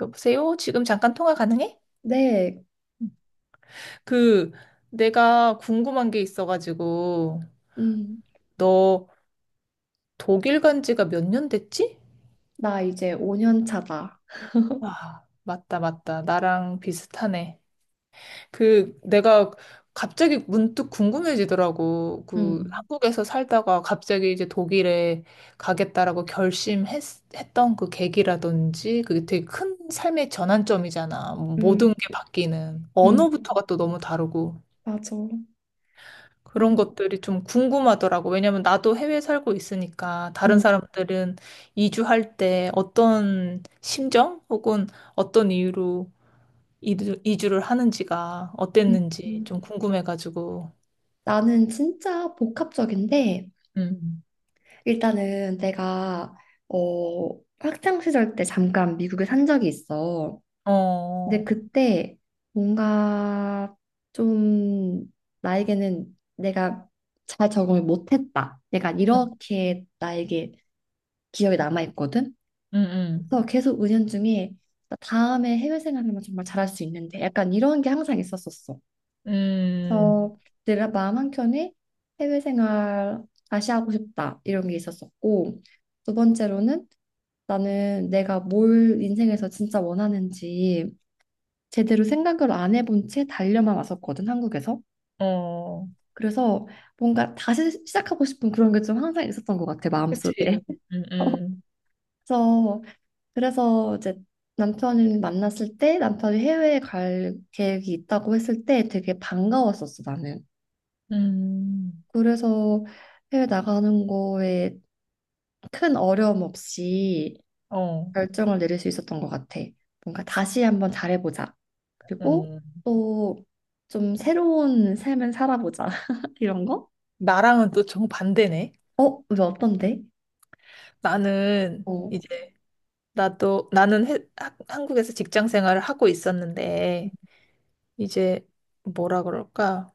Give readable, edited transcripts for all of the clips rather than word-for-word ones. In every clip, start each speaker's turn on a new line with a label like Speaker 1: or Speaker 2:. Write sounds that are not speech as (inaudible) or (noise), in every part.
Speaker 1: 여보세요? 지금 잠깐 통화 가능해?
Speaker 2: 네,
Speaker 1: 응. 그, 내가 궁금한 게 있어가지고,
Speaker 2: 음,
Speaker 1: 너 독일 간 지가 몇 년 됐지?
Speaker 2: 나 이제 5년 차다. (laughs)
Speaker 1: 와, 맞다, 맞다. 나랑 비슷하네. 내가 갑자기 문득 궁금해지더라고.
Speaker 2: 음,
Speaker 1: 한국에서 살다가 갑자기 이제 독일에 가겠다라고 결심했던 그 계기라든지, 그게 되게 큰 삶의 전환점이잖아.
Speaker 2: 음,
Speaker 1: 모든 게 바뀌는.
Speaker 2: 음,
Speaker 1: 언어부터가 또 너무 다르고.
Speaker 2: 맞아. 음,
Speaker 1: 그런 것들이 좀 궁금하더라고. 왜냐면 나도 해외에 살고 있으니까 다른
Speaker 2: 음,
Speaker 1: 사람들은 이주할 때 어떤 심정 혹은 어떤 이유로 이주를 하는지가
Speaker 2: 음,
Speaker 1: 어땠는지
Speaker 2: 음.
Speaker 1: 좀 궁금해가지고.
Speaker 2: 나는 진짜 복합적인데,
Speaker 1: 음.
Speaker 2: 일단은 내가, 학창 시절 때 잠깐 미국에 산 적이 있어. 근데
Speaker 1: 어.
Speaker 2: 그때 뭔가 좀 나에게는 내가 잘 적응을 못했다. 약간
Speaker 1: 음.
Speaker 2: 이렇게 나에게 기억에 남아있거든.
Speaker 1: 음.
Speaker 2: 그래서 계속 은연 중에 나 다음에 해외 생활만 정말 잘할 수 있는데 약간 이런 게 항상 있었었어.
Speaker 1: 음.
Speaker 2: 그래서 내 마음 한켠에 해외 생활 다시 하고 싶다 이런 게 있었었고, 두 번째로는 나는 내가 뭘 인생에서 진짜 원하는지 제대로 생각을 안 해본 채 달려만 왔었거든 한국에서.
Speaker 1: 음. 어.
Speaker 2: 그래서 뭔가 다시 시작하고 싶은 그런 게 좀 항상 있었던 것 같아 마음속에.
Speaker 1: 그치. 음.
Speaker 2: (laughs)
Speaker 1: 음.
Speaker 2: 그래서 그래서 이제 남편을 만났을 때 남편이 해외에 갈 계획이 있다고 했을 때 되게 반가웠었어, 나는.
Speaker 1: 음.
Speaker 2: 그래서 해외 나가는 거에 큰 어려움 없이
Speaker 1: 어.
Speaker 2: 결정을 내릴 수 있었던 것 같아. 뭔가 다시 한번 잘해보자. 그리고
Speaker 1: 음.
Speaker 2: 또 좀 새로운 삶을 살아보자. (laughs) 이런 거?
Speaker 1: 나랑은 또 정반대네.
Speaker 2: 어? 왜 어떤데?
Speaker 1: 나는
Speaker 2: 어.
Speaker 1: 이제 나도 나는 해- 하- 한국에서 직장 생활을 하고 있었는데 이제 뭐라 그럴까?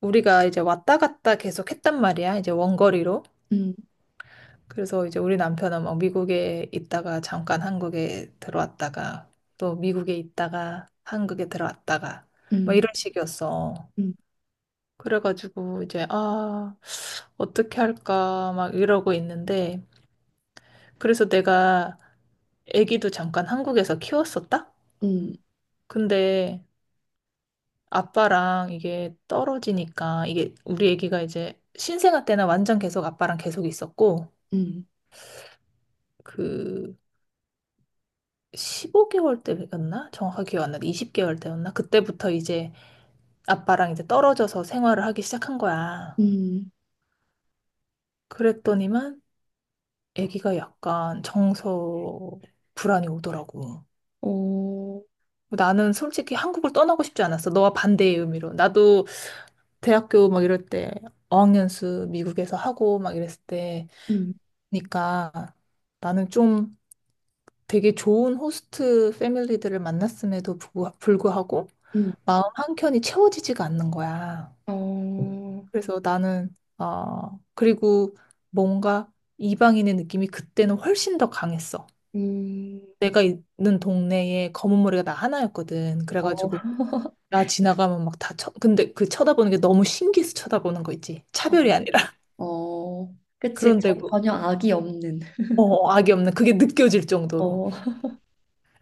Speaker 1: 우리가 이제 왔다 갔다 계속 했단 말이야. 이제 원거리로.
Speaker 2: 음,
Speaker 1: 그래서 이제 우리 남편은 막 미국에 있다가 잠깐 한국에 들어왔다가 또 미국에 있다가 한국에 들어왔다가 뭐
Speaker 2: 음,
Speaker 1: 이런 식이었어.
Speaker 2: 음,
Speaker 1: 그래가지고 이제 아 어떻게 할까 막 이러고 있는데 그래서 내가 아기도 잠깐 한국에서 키웠었다.
Speaker 2: 음,
Speaker 1: 근데 아빠랑 이게 떨어지니까 이게 우리 애기가 이제 신생아 때는 완전 계속 아빠랑 계속 있었고
Speaker 2: 음,
Speaker 1: 그 15개월 때였나? 정확하게 기억 안 나는데 20개월 때였나? 그때부터 이제 아빠랑 이제 떨어져서 생활을 하기 시작한
Speaker 2: 음,
Speaker 1: 거야.
Speaker 2: 음.
Speaker 1: 그랬더니만 애기가 약간 정서 불안이 오더라고.
Speaker 2: 어,
Speaker 1: 나는 솔직히 한국을 떠나고 싶지 않았어. 너와 반대의 의미로. 나도 대학교 막 이럴 때 어학연수 미국에서 하고 막 이랬을 때
Speaker 2: 음,
Speaker 1: 그러니까 나는 좀 되게 좋은 호스트 패밀리들을 만났음에도 불구하고
Speaker 2: 음,
Speaker 1: 마음 한켠이 채워지지가 않는 거야.
Speaker 2: 어.
Speaker 1: 그래서 나는 어 그리고 뭔가 이방인의 느낌이 그때는 훨씬 더 강했어.
Speaker 2: 음,
Speaker 1: 내가 있는 동네에 검은 머리가 나 하나였거든.
Speaker 2: 어,
Speaker 1: 그래가지고
Speaker 2: (laughs)
Speaker 1: 나 지나가면 막 다 쳐. 근데 그 쳐다보는 게 너무 신기해서 쳐다보는 거 있지.
Speaker 2: 어,
Speaker 1: 차별이 아니라. (laughs)
Speaker 2: 어, 그치.
Speaker 1: 그런데고
Speaker 2: 전혀 악이 없는.
Speaker 1: 악이 없는 그게 느껴질 정도로.
Speaker 2: 어,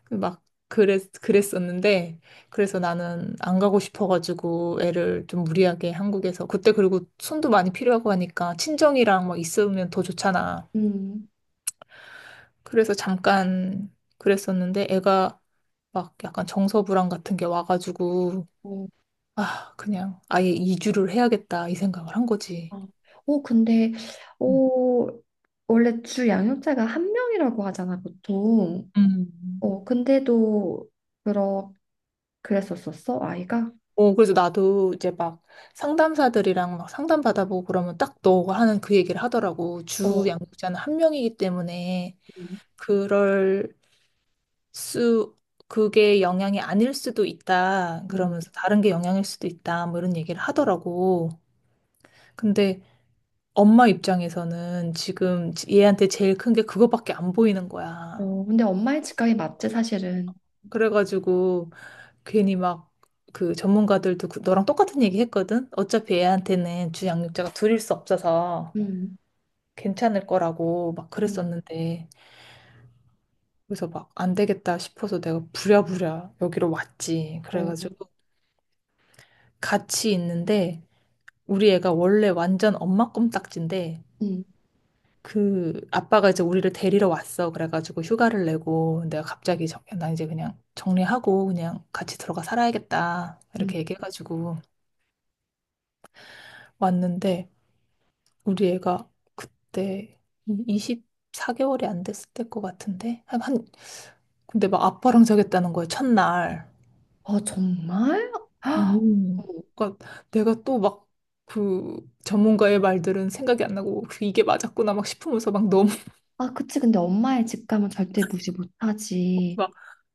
Speaker 1: 그막 그랬었는데 그래서 나는 안 가고 싶어가지고 애를 좀 무리하게 한국에서 그때 그리고 손도 많이 필요하고 하니까 친정이랑 막 있으면 더 좋잖아.
Speaker 2: 음,
Speaker 1: 그래서 잠깐 그랬었는데 애가 막 약간 정서 불안 같은 게 와가지고
Speaker 2: 어,
Speaker 1: 아 그냥 아예 이주를 해야겠다 이 생각을 한 거지.
Speaker 2: 아. 어, 근데,
Speaker 1: 음.
Speaker 2: 어, 원래 주 양육자가 한 명이라고 하잖아, 보통.
Speaker 1: 음.
Speaker 2: 어, 근데도, 그러, 그랬었었어, 아이가?
Speaker 1: 어, 그래서 나도 이제 막 상담사들이랑 막 상담 받아보고 그러면 딱 너가 하는 그 얘기를 하더라고. 주
Speaker 2: 어,
Speaker 1: 양육자는 한 명이기 때문에
Speaker 2: 음,
Speaker 1: 그럴 수, 그게 영향이 아닐 수도 있다.
Speaker 2: 어,
Speaker 1: 그러면서 다른 게 영향일 수도 있다. 뭐 이런 얘기를 하더라고. 근데 엄마 입장에서는 지금 얘한테 제일 큰 게 그거밖에 안 보이는 거야.
Speaker 2: 어, 근데 엄마의 직감이 맞지, 사실은.
Speaker 1: 그래가지고 괜히 막 그 전문가들도 너랑 똑같은 얘기 했거든? 어차피 애한테는 주양육자가 둘일 수 없어서
Speaker 2: 음,
Speaker 1: 괜찮을 거라고 막
Speaker 2: 음,
Speaker 1: 그랬었는데. 그래서 막 안 되겠다 싶어서 내가 부랴부랴 여기로 왔지.
Speaker 2: 어,
Speaker 1: 그래가지고 같이 있는데 우리 애가 원래 완전 엄마 껌딱지인데
Speaker 2: 음,
Speaker 1: 그 아빠가 이제 우리를 데리러 왔어. 그래가지고 휴가를 내고 내가 갑자기 나 이제 그냥 정리하고 그냥 같이 들어가 살아야겠다.
Speaker 2: 음.
Speaker 1: 이렇게 얘기해가지고 왔는데 우리 애가 그때 24개월이 안 됐을 때일 것 같은데 근데 막 아빠랑 자겠다는 거야 첫날.
Speaker 2: 아, 정말? (gasps) 헉,
Speaker 1: 음. 그러니까 내가 또 막 그 전문가의 말들은 생각이 안 나고 그 이게 맞았구나 막 싶으면서 막
Speaker 2: 아, 그치. 근데 엄마의 직감은 절대 무시 못하지.
Speaker 1: 막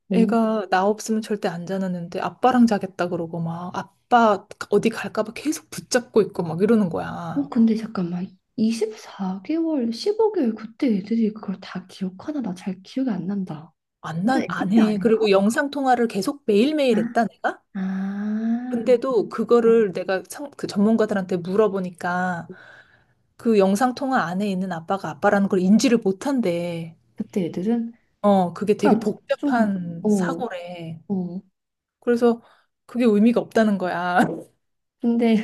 Speaker 2: 어?
Speaker 1: 애가 나 없으면 절대 안 자는데 아빠랑 자겠다 그러고 막 아빠 어디 갈까 봐 계속 붙잡고 있고 막 이러는
Speaker 2: 어,
Speaker 1: 거야.
Speaker 2: 근데 잠깐만. 24개월, 15개월 그때 애들이 그걸 다 기억하나? 나 잘 기억이 안 난다.
Speaker 1: 안,
Speaker 2: 완전
Speaker 1: 난
Speaker 2: 애기
Speaker 1: 안
Speaker 2: 때
Speaker 1: 해.
Speaker 2: 아닌가?
Speaker 1: 그리고 영상 통화를 계속
Speaker 2: 아,
Speaker 1: 매일매일 했다 내가?
Speaker 2: 아,
Speaker 1: 근데도
Speaker 2: 어,
Speaker 1: 그거를 내가 그 전문가들한테 물어보니까 그 영상 통화 안에 있는 아빠가 아빠라는 걸 인지를 못한대.
Speaker 2: 그때 애들은
Speaker 1: 어, 그게 되게
Speaker 2: 그러니까 좀,
Speaker 1: 복잡한
Speaker 2: 어,
Speaker 1: 사고래.
Speaker 2: 어.
Speaker 1: 그래서 그게 의미가 없다는 거야. (laughs)
Speaker 2: 근데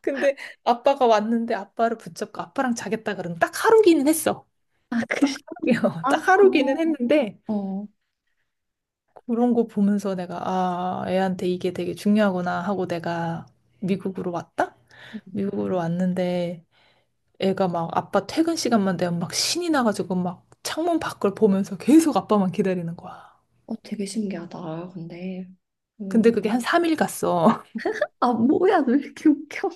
Speaker 1: 근데 아빠가 왔는데 아빠를 붙잡고 아빠랑 자겠다 그러면 딱 하루기는 했어.
Speaker 2: (laughs) 아, 그,
Speaker 1: (laughs)
Speaker 2: 아,
Speaker 1: 딱 하루기는
Speaker 2: 고마워.
Speaker 1: 했는데
Speaker 2: 어,
Speaker 1: 그런 거 보면서 내가 아, 애한테 이게 되게 중요하구나 하고 내가 미국으로 왔다? 미국으로 왔는데 애가 막 아빠 퇴근 시간만 되면 막 신이 나가지고 막 창문 밖을 보면서 계속 아빠만 기다리는 거야.
Speaker 2: 어, 되게 신기하다. 근데,
Speaker 1: 근데
Speaker 2: 음,
Speaker 1: 그게 한 3일 갔어.
Speaker 2: 아, 뭐야, 너 왜 이렇게 웃겨?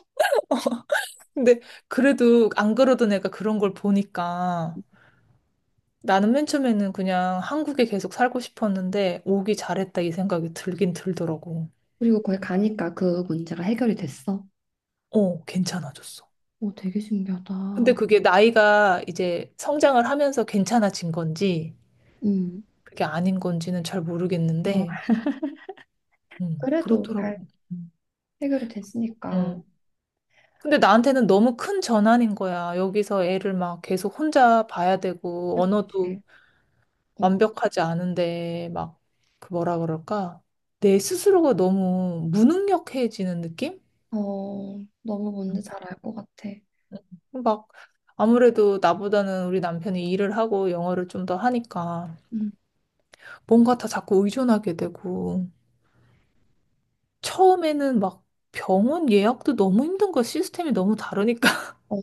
Speaker 1: (laughs) 근데 그래도 안 그러던 애가 그런 걸 보니까 나는 맨 처음에는 그냥 한국에 계속 살고 싶었는데 오기 잘했다 이 생각이 들긴 들더라고.
Speaker 2: 그리고 거기 가니까 그 문제가 해결이 됐어.
Speaker 1: 어, 괜찮아졌어.
Speaker 2: 어, 되게
Speaker 1: 근데
Speaker 2: 신기하다.
Speaker 1: 그게 나이가 이제 성장을 하면서 괜찮아진 건지,
Speaker 2: 음.
Speaker 1: 그게 아닌 건지는 잘
Speaker 2: 어,
Speaker 1: 모르겠는데,
Speaker 2: 그래도
Speaker 1: 그렇더라고.
Speaker 2: 잘
Speaker 1: 음.
Speaker 2: 해결이 됐으니까.
Speaker 1: 음. 근데 나한테는 너무 큰 전환인 거야. 여기서 애를 막 계속 혼자 봐야 되고, 언어도
Speaker 2: 그치. 어,
Speaker 1: 완벽하지 않은데, 막, 그 뭐라 그럴까? 내 스스로가 너무 무능력해지는 느낌?
Speaker 2: 어, 너무
Speaker 1: 음.
Speaker 2: 뭔지 잘 알 것 같아.
Speaker 1: 음. 막, 아무래도 나보다는 우리 남편이 일을 하고 영어를 좀 더 하니까,
Speaker 2: 음.
Speaker 1: 뭔가 다 자꾸 의존하게 되고, 처음에는 막 병원 예약도 너무 힘든 거 시스템이 너무 다르니까 (laughs)
Speaker 2: 어,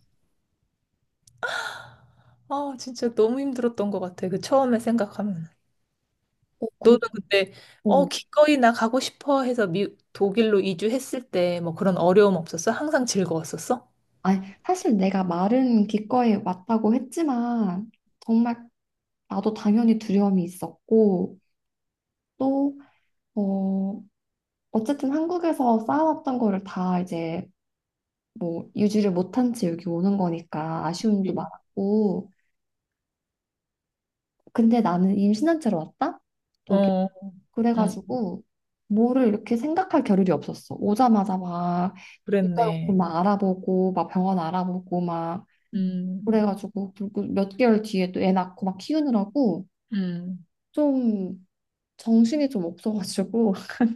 Speaker 1: 아 진짜 너무 힘들었던 것 같아 그 처음에 생각하면
Speaker 2: 어,
Speaker 1: 너는 그때 어
Speaker 2: 그렇고.
Speaker 1: 기꺼이 나 가고 싶어 해서 독일로 이주했을 때 뭐 그런 어려움 없었어? 항상 즐거웠었어?
Speaker 2: 아니, 사실 내가 말은 기꺼이 왔다고 했지만, 정말 나도 당연히 두려움이 있었고, 또, 어, 어쨌든 한국에서 쌓아왔던 거를 다 이제 뭐 유지를 못한 채 여기 오는 거니까 아쉬움도 많았고, 근데 나는 임신한 채로 왔다?
Speaker 1: 예. 어, 음,
Speaker 2: 그래가지고 뭐를 이렇게 생각할 겨를이 없었어. 오자마자 막 일단
Speaker 1: 그랬네.
Speaker 2: 막 알아보고 막 병원 알아보고 막
Speaker 1: 음,
Speaker 2: 그래가지고 그리고 몇 개월 뒤에 또 애 낳고 막 키우느라고
Speaker 1: 음.
Speaker 2: 좀 정신이 좀 없어가지고 (laughs)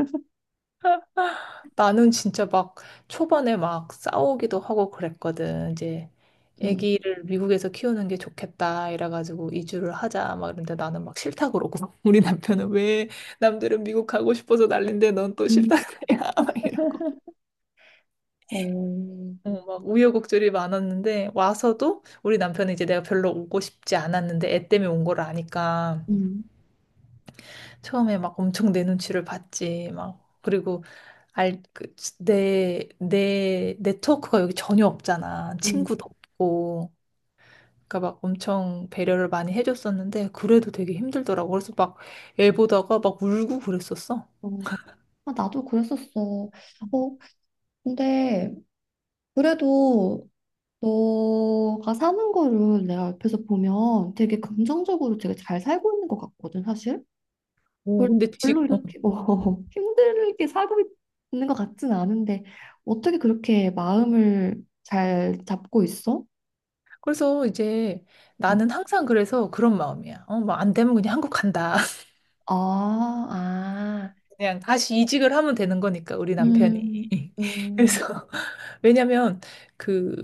Speaker 1: 나는 진짜 막 초반에 막 싸우기도 하고 그랬거든. 이제
Speaker 2: 음,
Speaker 1: 아기를 미국에서 키우는 게 좋겠다 이래가지고 이주를 하자 막 이런데 나는 막 싫다 그러고 (laughs) 우리 남편은 왜 남들은 미국 가고 싶어서 난린데 넌 또
Speaker 2: 음,
Speaker 1: 싫다 그래야 (laughs) 막 이러고
Speaker 2: 어,
Speaker 1: 어, 막 우여곡절이 많았는데 와서도 우리 남편은 이제 내가 별로 오고 싶지 않았는데 애 때문에 온 걸 아니까
Speaker 2: 음,
Speaker 1: 처음에 막 엄청 내 눈치를 봤지 막 그리고 알, 그, 내, 내, 네트워크가 여기 전혀 없잖아.
Speaker 2: 음,
Speaker 1: 친구도 없고. 그러니까 막 엄청 배려를 많이 해줬었는데, 그래도 되게 힘들더라고. 그래서 막 애 보다가 막 울고 그랬었어.
Speaker 2: 어. 아, 나도 그랬었어. 어, 근데 그래도 너가 사는 거를 내가 옆에서 보면 되게 긍정적으로 되게 잘 살고 있는 것 같거든, 사실.
Speaker 1: 오,
Speaker 2: 별-
Speaker 1: 근데
Speaker 2: 별로
Speaker 1: 어.
Speaker 2: 이렇게 뭐 (laughs) 힘들게 살고 있는 것 같진 않은데 어떻게 그렇게 마음을 잘 잡고 있어?
Speaker 1: 그래서 이제
Speaker 2: 음,
Speaker 1: 나는 항상 그래서 그런 마음이야. 어, 뭐 안 되면 그냥 한국 간다.
Speaker 2: 아, 아,
Speaker 1: 그냥 다시 이직을 하면 되는 거니까, 우리 남편이.
Speaker 2: 음,
Speaker 1: (laughs)
Speaker 2: 음,
Speaker 1: 그래서, (laughs) 왜냐면, 그,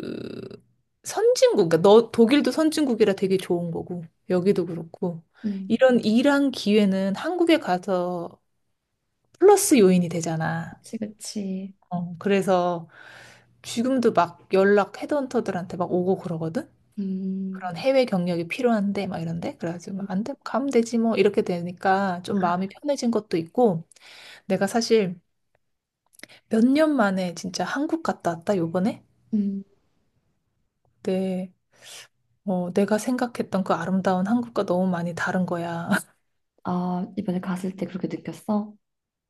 Speaker 1: 선진국, 그러니까 너, 독일도 선진국이라 되게 좋은 거고, 여기도 그렇고,
Speaker 2: 음,
Speaker 1: 이런 일한 기회는 한국에 가서 플러스 요인이 되잖아.
Speaker 2: 그치, 그치,
Speaker 1: 어, 그래서 지금도 막 연락 헤드헌터들한테 막 오고 그러거든?
Speaker 2: 음,
Speaker 1: 그런 해외 경력이 필요한데, 막 이런데? 그래가지고, 안 돼, 가면 되지 뭐, 이렇게 되니까 좀
Speaker 2: 아,
Speaker 1: 마음이 편해진 것도 있고, 내가 사실 몇 년 만에 진짜 한국 갔다 왔다, 요번에?
Speaker 2: 음,
Speaker 1: 네. 어, 내가 생각했던 그 아름다운 한국과 너무 많이 다른 거야. (laughs)
Speaker 2: 아, 이번에 갔을 때 그렇게 느꼈어?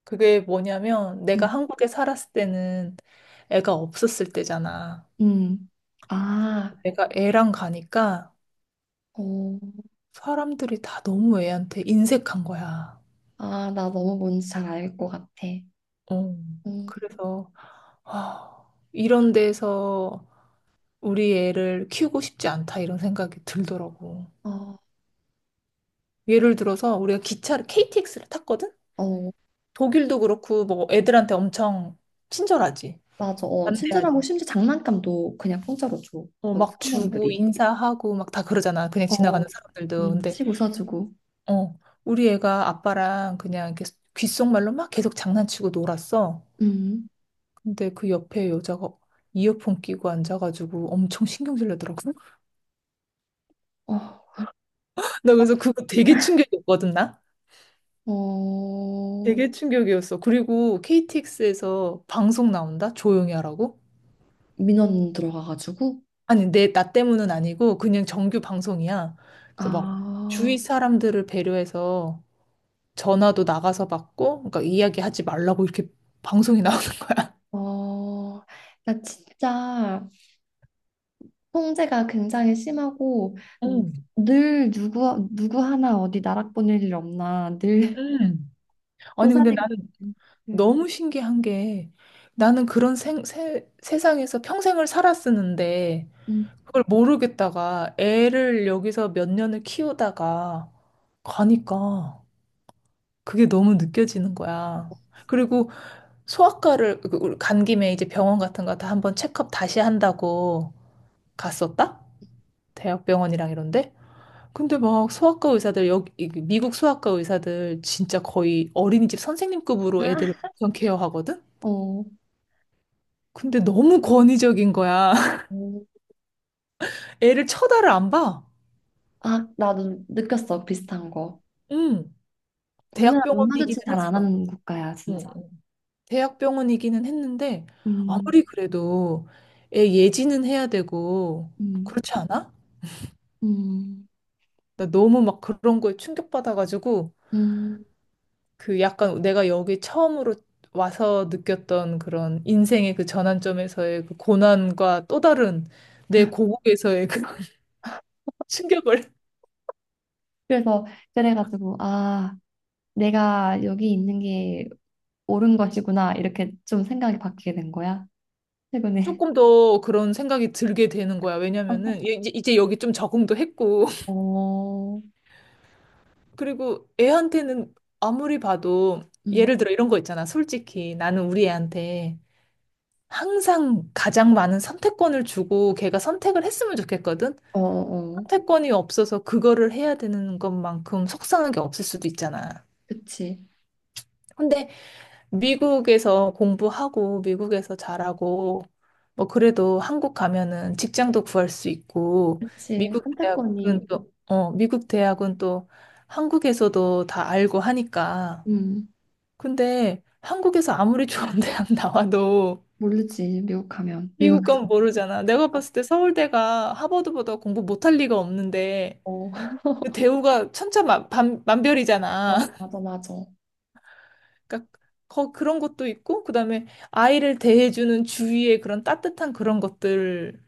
Speaker 1: 그게 뭐냐면, 내가
Speaker 2: 음,
Speaker 1: 한국에 살았을 때는 애가 없었을 때잖아.
Speaker 2: 음, 아,
Speaker 1: 내가 애랑 가니까
Speaker 2: 어,
Speaker 1: 사람들이 다 너무 애한테 인색한 거야.
Speaker 2: 아, 나 너무 뭔지 잘 알 것 같아.
Speaker 1: 어,
Speaker 2: 음,
Speaker 1: 그래서, 아, 이런 데서 우리 애를 키우고 싶지 않다, 이런 생각이 들더라고.
Speaker 2: 어,
Speaker 1: 예를 들어서, 우리가 기차를, KTX를 탔거든?
Speaker 2: 어,
Speaker 1: 독일도 그렇고 뭐 애들한테 엄청 친절하지.
Speaker 2: 맞아. 어, 친절하고
Speaker 1: 반대하지.
Speaker 2: 심지어 장난감도 그냥 공짜로 줘.
Speaker 1: 어,
Speaker 2: 거기
Speaker 1: 막 주고
Speaker 2: 승무원들이.
Speaker 1: 인사하고 막 다 그러잖아. 그냥
Speaker 2: 어,
Speaker 1: 지나가는 사람들도. 근데
Speaker 2: 씩 웃어주고.
Speaker 1: 어, 우리 애가 아빠랑 그냥 이렇게 귓속말로 막 계속 장난치고 놀았어.
Speaker 2: 음.
Speaker 1: 근데 그 옆에 여자가 이어폰 끼고 앉아가지고 엄청 신경질 내더라고. (laughs)
Speaker 2: 어,
Speaker 1: 나
Speaker 2: 어,
Speaker 1: 그래서 그거 되게 충격이었거든, 나.
Speaker 2: 어,
Speaker 1: 되게 충격이었어. 그리고 KTX에서 방송 나온다? 조용히 하라고?
Speaker 2: 민원 들어가가지고.
Speaker 1: 아니, 나 때문은 아니고 그냥 정규 방송이야. 그래서 막
Speaker 2: 아,
Speaker 1: 주위 사람들을 배려해서 전화도 나가서 받고, 그러니까 이야기하지 말라고 이렇게 방송이 (laughs) 나오는 거야.
Speaker 2: 어, 나 진짜 통제가 굉장히 심하고
Speaker 1: 음.
Speaker 2: 늘 누구 누구 하나 어디 나락 보낼 일 없나 늘
Speaker 1: 음.
Speaker 2: (laughs) 쏘
Speaker 1: 아니,
Speaker 2: 사
Speaker 1: 근데
Speaker 2: 되고
Speaker 1: 나는
Speaker 2: 있는 그,
Speaker 1: 너무 신기한 게 나는 그런 세상에서 평생을 살았었는데
Speaker 2: 음.
Speaker 1: 그걸 모르겠다가 애를 여기서 몇 년을 키우다가 가니까 그게 너무 느껴지는 거야. 그리고 소아과를 간 김에 이제 병원 같은 거 다 한번 체크업 다시 한다고 갔었다? 대학병원이랑 이런데? 근데 막 소아과 의사들, 미국 소아과 의사들 진짜 거의 어린이집 선생님급으로 애들
Speaker 2: 아,
Speaker 1: 엄청 케어하거든?
Speaker 2: 어,
Speaker 1: 근데 너무 권위적인 거야. (laughs)
Speaker 2: 어.
Speaker 1: 애를 쳐다를 안 봐.
Speaker 2: 아, 나도 느꼈어 비슷한 거.
Speaker 1: 응.
Speaker 2: 우리나라 눈 마주친
Speaker 1: 대학병원이기는
Speaker 2: 잘 안
Speaker 1: 했어.
Speaker 2: 하는 국가야,
Speaker 1: 응.
Speaker 2: 진짜.
Speaker 1: 응. 대학병원이기는 했는데,
Speaker 2: 음,
Speaker 1: 아무리 그래도 애 예지는 해야 되고,
Speaker 2: 음,
Speaker 1: 그렇지 않아?
Speaker 2: 음,
Speaker 1: 나 너무 막 그런 거에 충격받아가지고,
Speaker 2: 음.
Speaker 1: 그 약간 내가 여기 처음으로 와서 느꼈던 그런 인생의 그 전환점에서의 그 고난과 또 다른 내 고국에서의 그 (laughs) 충격을
Speaker 2: 그래서 그래가지고 아, 내가 여기 있는 게 옳은 것이구나 이렇게 좀 생각이 바뀌게 된 거야, 최근에.
Speaker 1: 조금 더 그런 생각이 들게 되는 거야. 왜냐면은
Speaker 2: (laughs)
Speaker 1: 얘 이제 여기 좀 적응도 했고 (laughs)
Speaker 2: 어,
Speaker 1: 그리고 애한테는 아무리 봐도
Speaker 2: 음,
Speaker 1: 예를 들어 이런 거 있잖아. 솔직히 나는 우리 애한테 항상 가장 많은 선택권을 주고 걔가 선택을 했으면 좋겠거든.
Speaker 2: 어, 어,
Speaker 1: 선택권이 없어서 그거를 해야 되는 것만큼 속상한 게 없을 수도 있잖아.
Speaker 2: 그치,
Speaker 1: 근데 미국에서 공부하고 미국에서 잘하고 뭐 그래도 한국 가면은 직장도 구할 수 있고
Speaker 2: 그치.
Speaker 1: 미국
Speaker 2: 선택권이,
Speaker 1: 대학은 또 미국 대학은 또 한국에서도 다 알고 하니까
Speaker 2: 음,
Speaker 1: 근데 한국에서 아무리 좋은 (laughs) 대학 나와도
Speaker 2: 모르지 미국 가면 미국
Speaker 1: 미국 건
Speaker 2: 가면.
Speaker 1: 모르잖아. 내가 봤을 때 서울대가 하버드보다 공부 못할 리가 없는데
Speaker 2: 어,
Speaker 1: 그
Speaker 2: (laughs)
Speaker 1: 대우가
Speaker 2: 맞아,
Speaker 1: 천차만별이잖아.
Speaker 2: 맞아, 맞아.
Speaker 1: 그러니까 그런 것도 있고 그다음에 아이를 대해주는 주위의 그런 따뜻한 그런 것들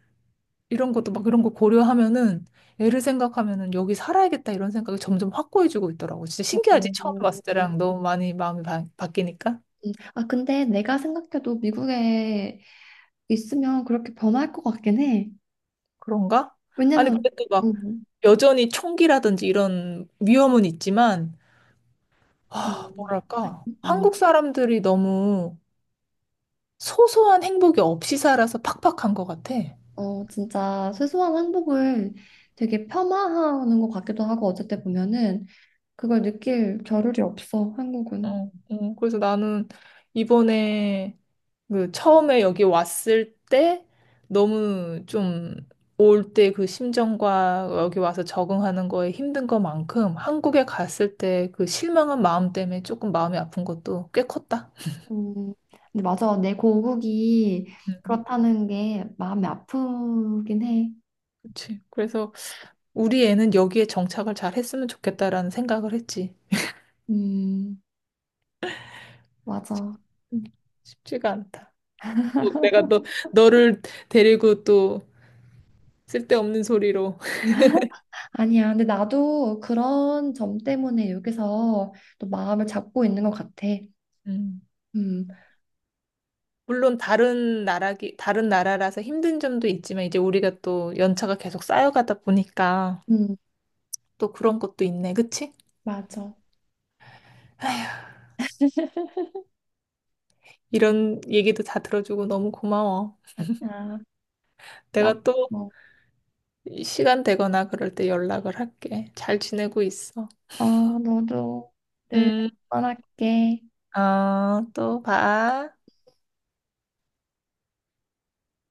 Speaker 1: 이런 것도 막 이런 거 고려하면은 애를 생각하면은 여기 살아야겠다 이런 생각이 점점 확고해지고 있더라고. 진짜 신기하지? 처음
Speaker 2: 어.
Speaker 1: 봤을 때랑 너무 많이 마음이 바뀌니까
Speaker 2: 아, 근데 내가 생각해도 미국에 있으면 그렇게 범할 것 같긴 해.
Speaker 1: 그런가? 아니
Speaker 2: 왜냐면,
Speaker 1: 근데 또 막
Speaker 2: 음,
Speaker 1: 여전히 총기라든지 이런 위험은 있지만
Speaker 2: 어,
Speaker 1: 아 뭐랄까
Speaker 2: 어,
Speaker 1: 한국 사람들이 너무 소소한 행복이 없이 살아서 팍팍한 것 같아.
Speaker 2: 어, 진짜 소소한 행복을 되게 폄하하는 것 같기도 하고 어쨌든 보면은 그걸 느낄 겨를이 없어 한국은.
Speaker 1: 어, 어, 그래서 나는 이번에 그 처음에 여기 왔을 때 너무 좀 올 때 그 심정과 여기 와서 적응하는 거에 힘든 것만큼 한국에 갔을 때 그 실망한 마음 때문에 조금 마음이 아픈 것도 꽤 컸다.
Speaker 2: 음, 근데 맞아. 내 고국이
Speaker 1: 음,
Speaker 2: 그렇다는 게 마음이 아프긴 해.
Speaker 1: 그치. 그래서 우리 애는 여기에 정착을 잘 했으면 좋겠다라는 생각을 했지.
Speaker 2: 음, 맞아.
Speaker 1: 음, 쉽지가 않다. 또 내가 너, 너를 데리고 또 쓸데없는 소리로.
Speaker 2: 아니야. 근데 나도 그런 점 때문에 여기서 또 마음을 잡고 있는 것 같아.
Speaker 1: 음.
Speaker 2: 음,
Speaker 1: 물론 다른 나라라서 힘든 점도 있지만 이제 우리가 또 연차가 계속 쌓여가다 보니까
Speaker 2: 음,
Speaker 1: 또 그런 것도 있네. 그치?
Speaker 2: 맞아.
Speaker 1: 이런 얘기도 다 들어주고 너무 고마워.
Speaker 2: 아. 나도,
Speaker 1: 내가 또 시간 되거나 그럴 때 연락을 할게. 잘 지내고 있어.
Speaker 2: 어, 너도 늘
Speaker 1: 음,
Speaker 2: 응원할게.
Speaker 1: 어, 또 봐.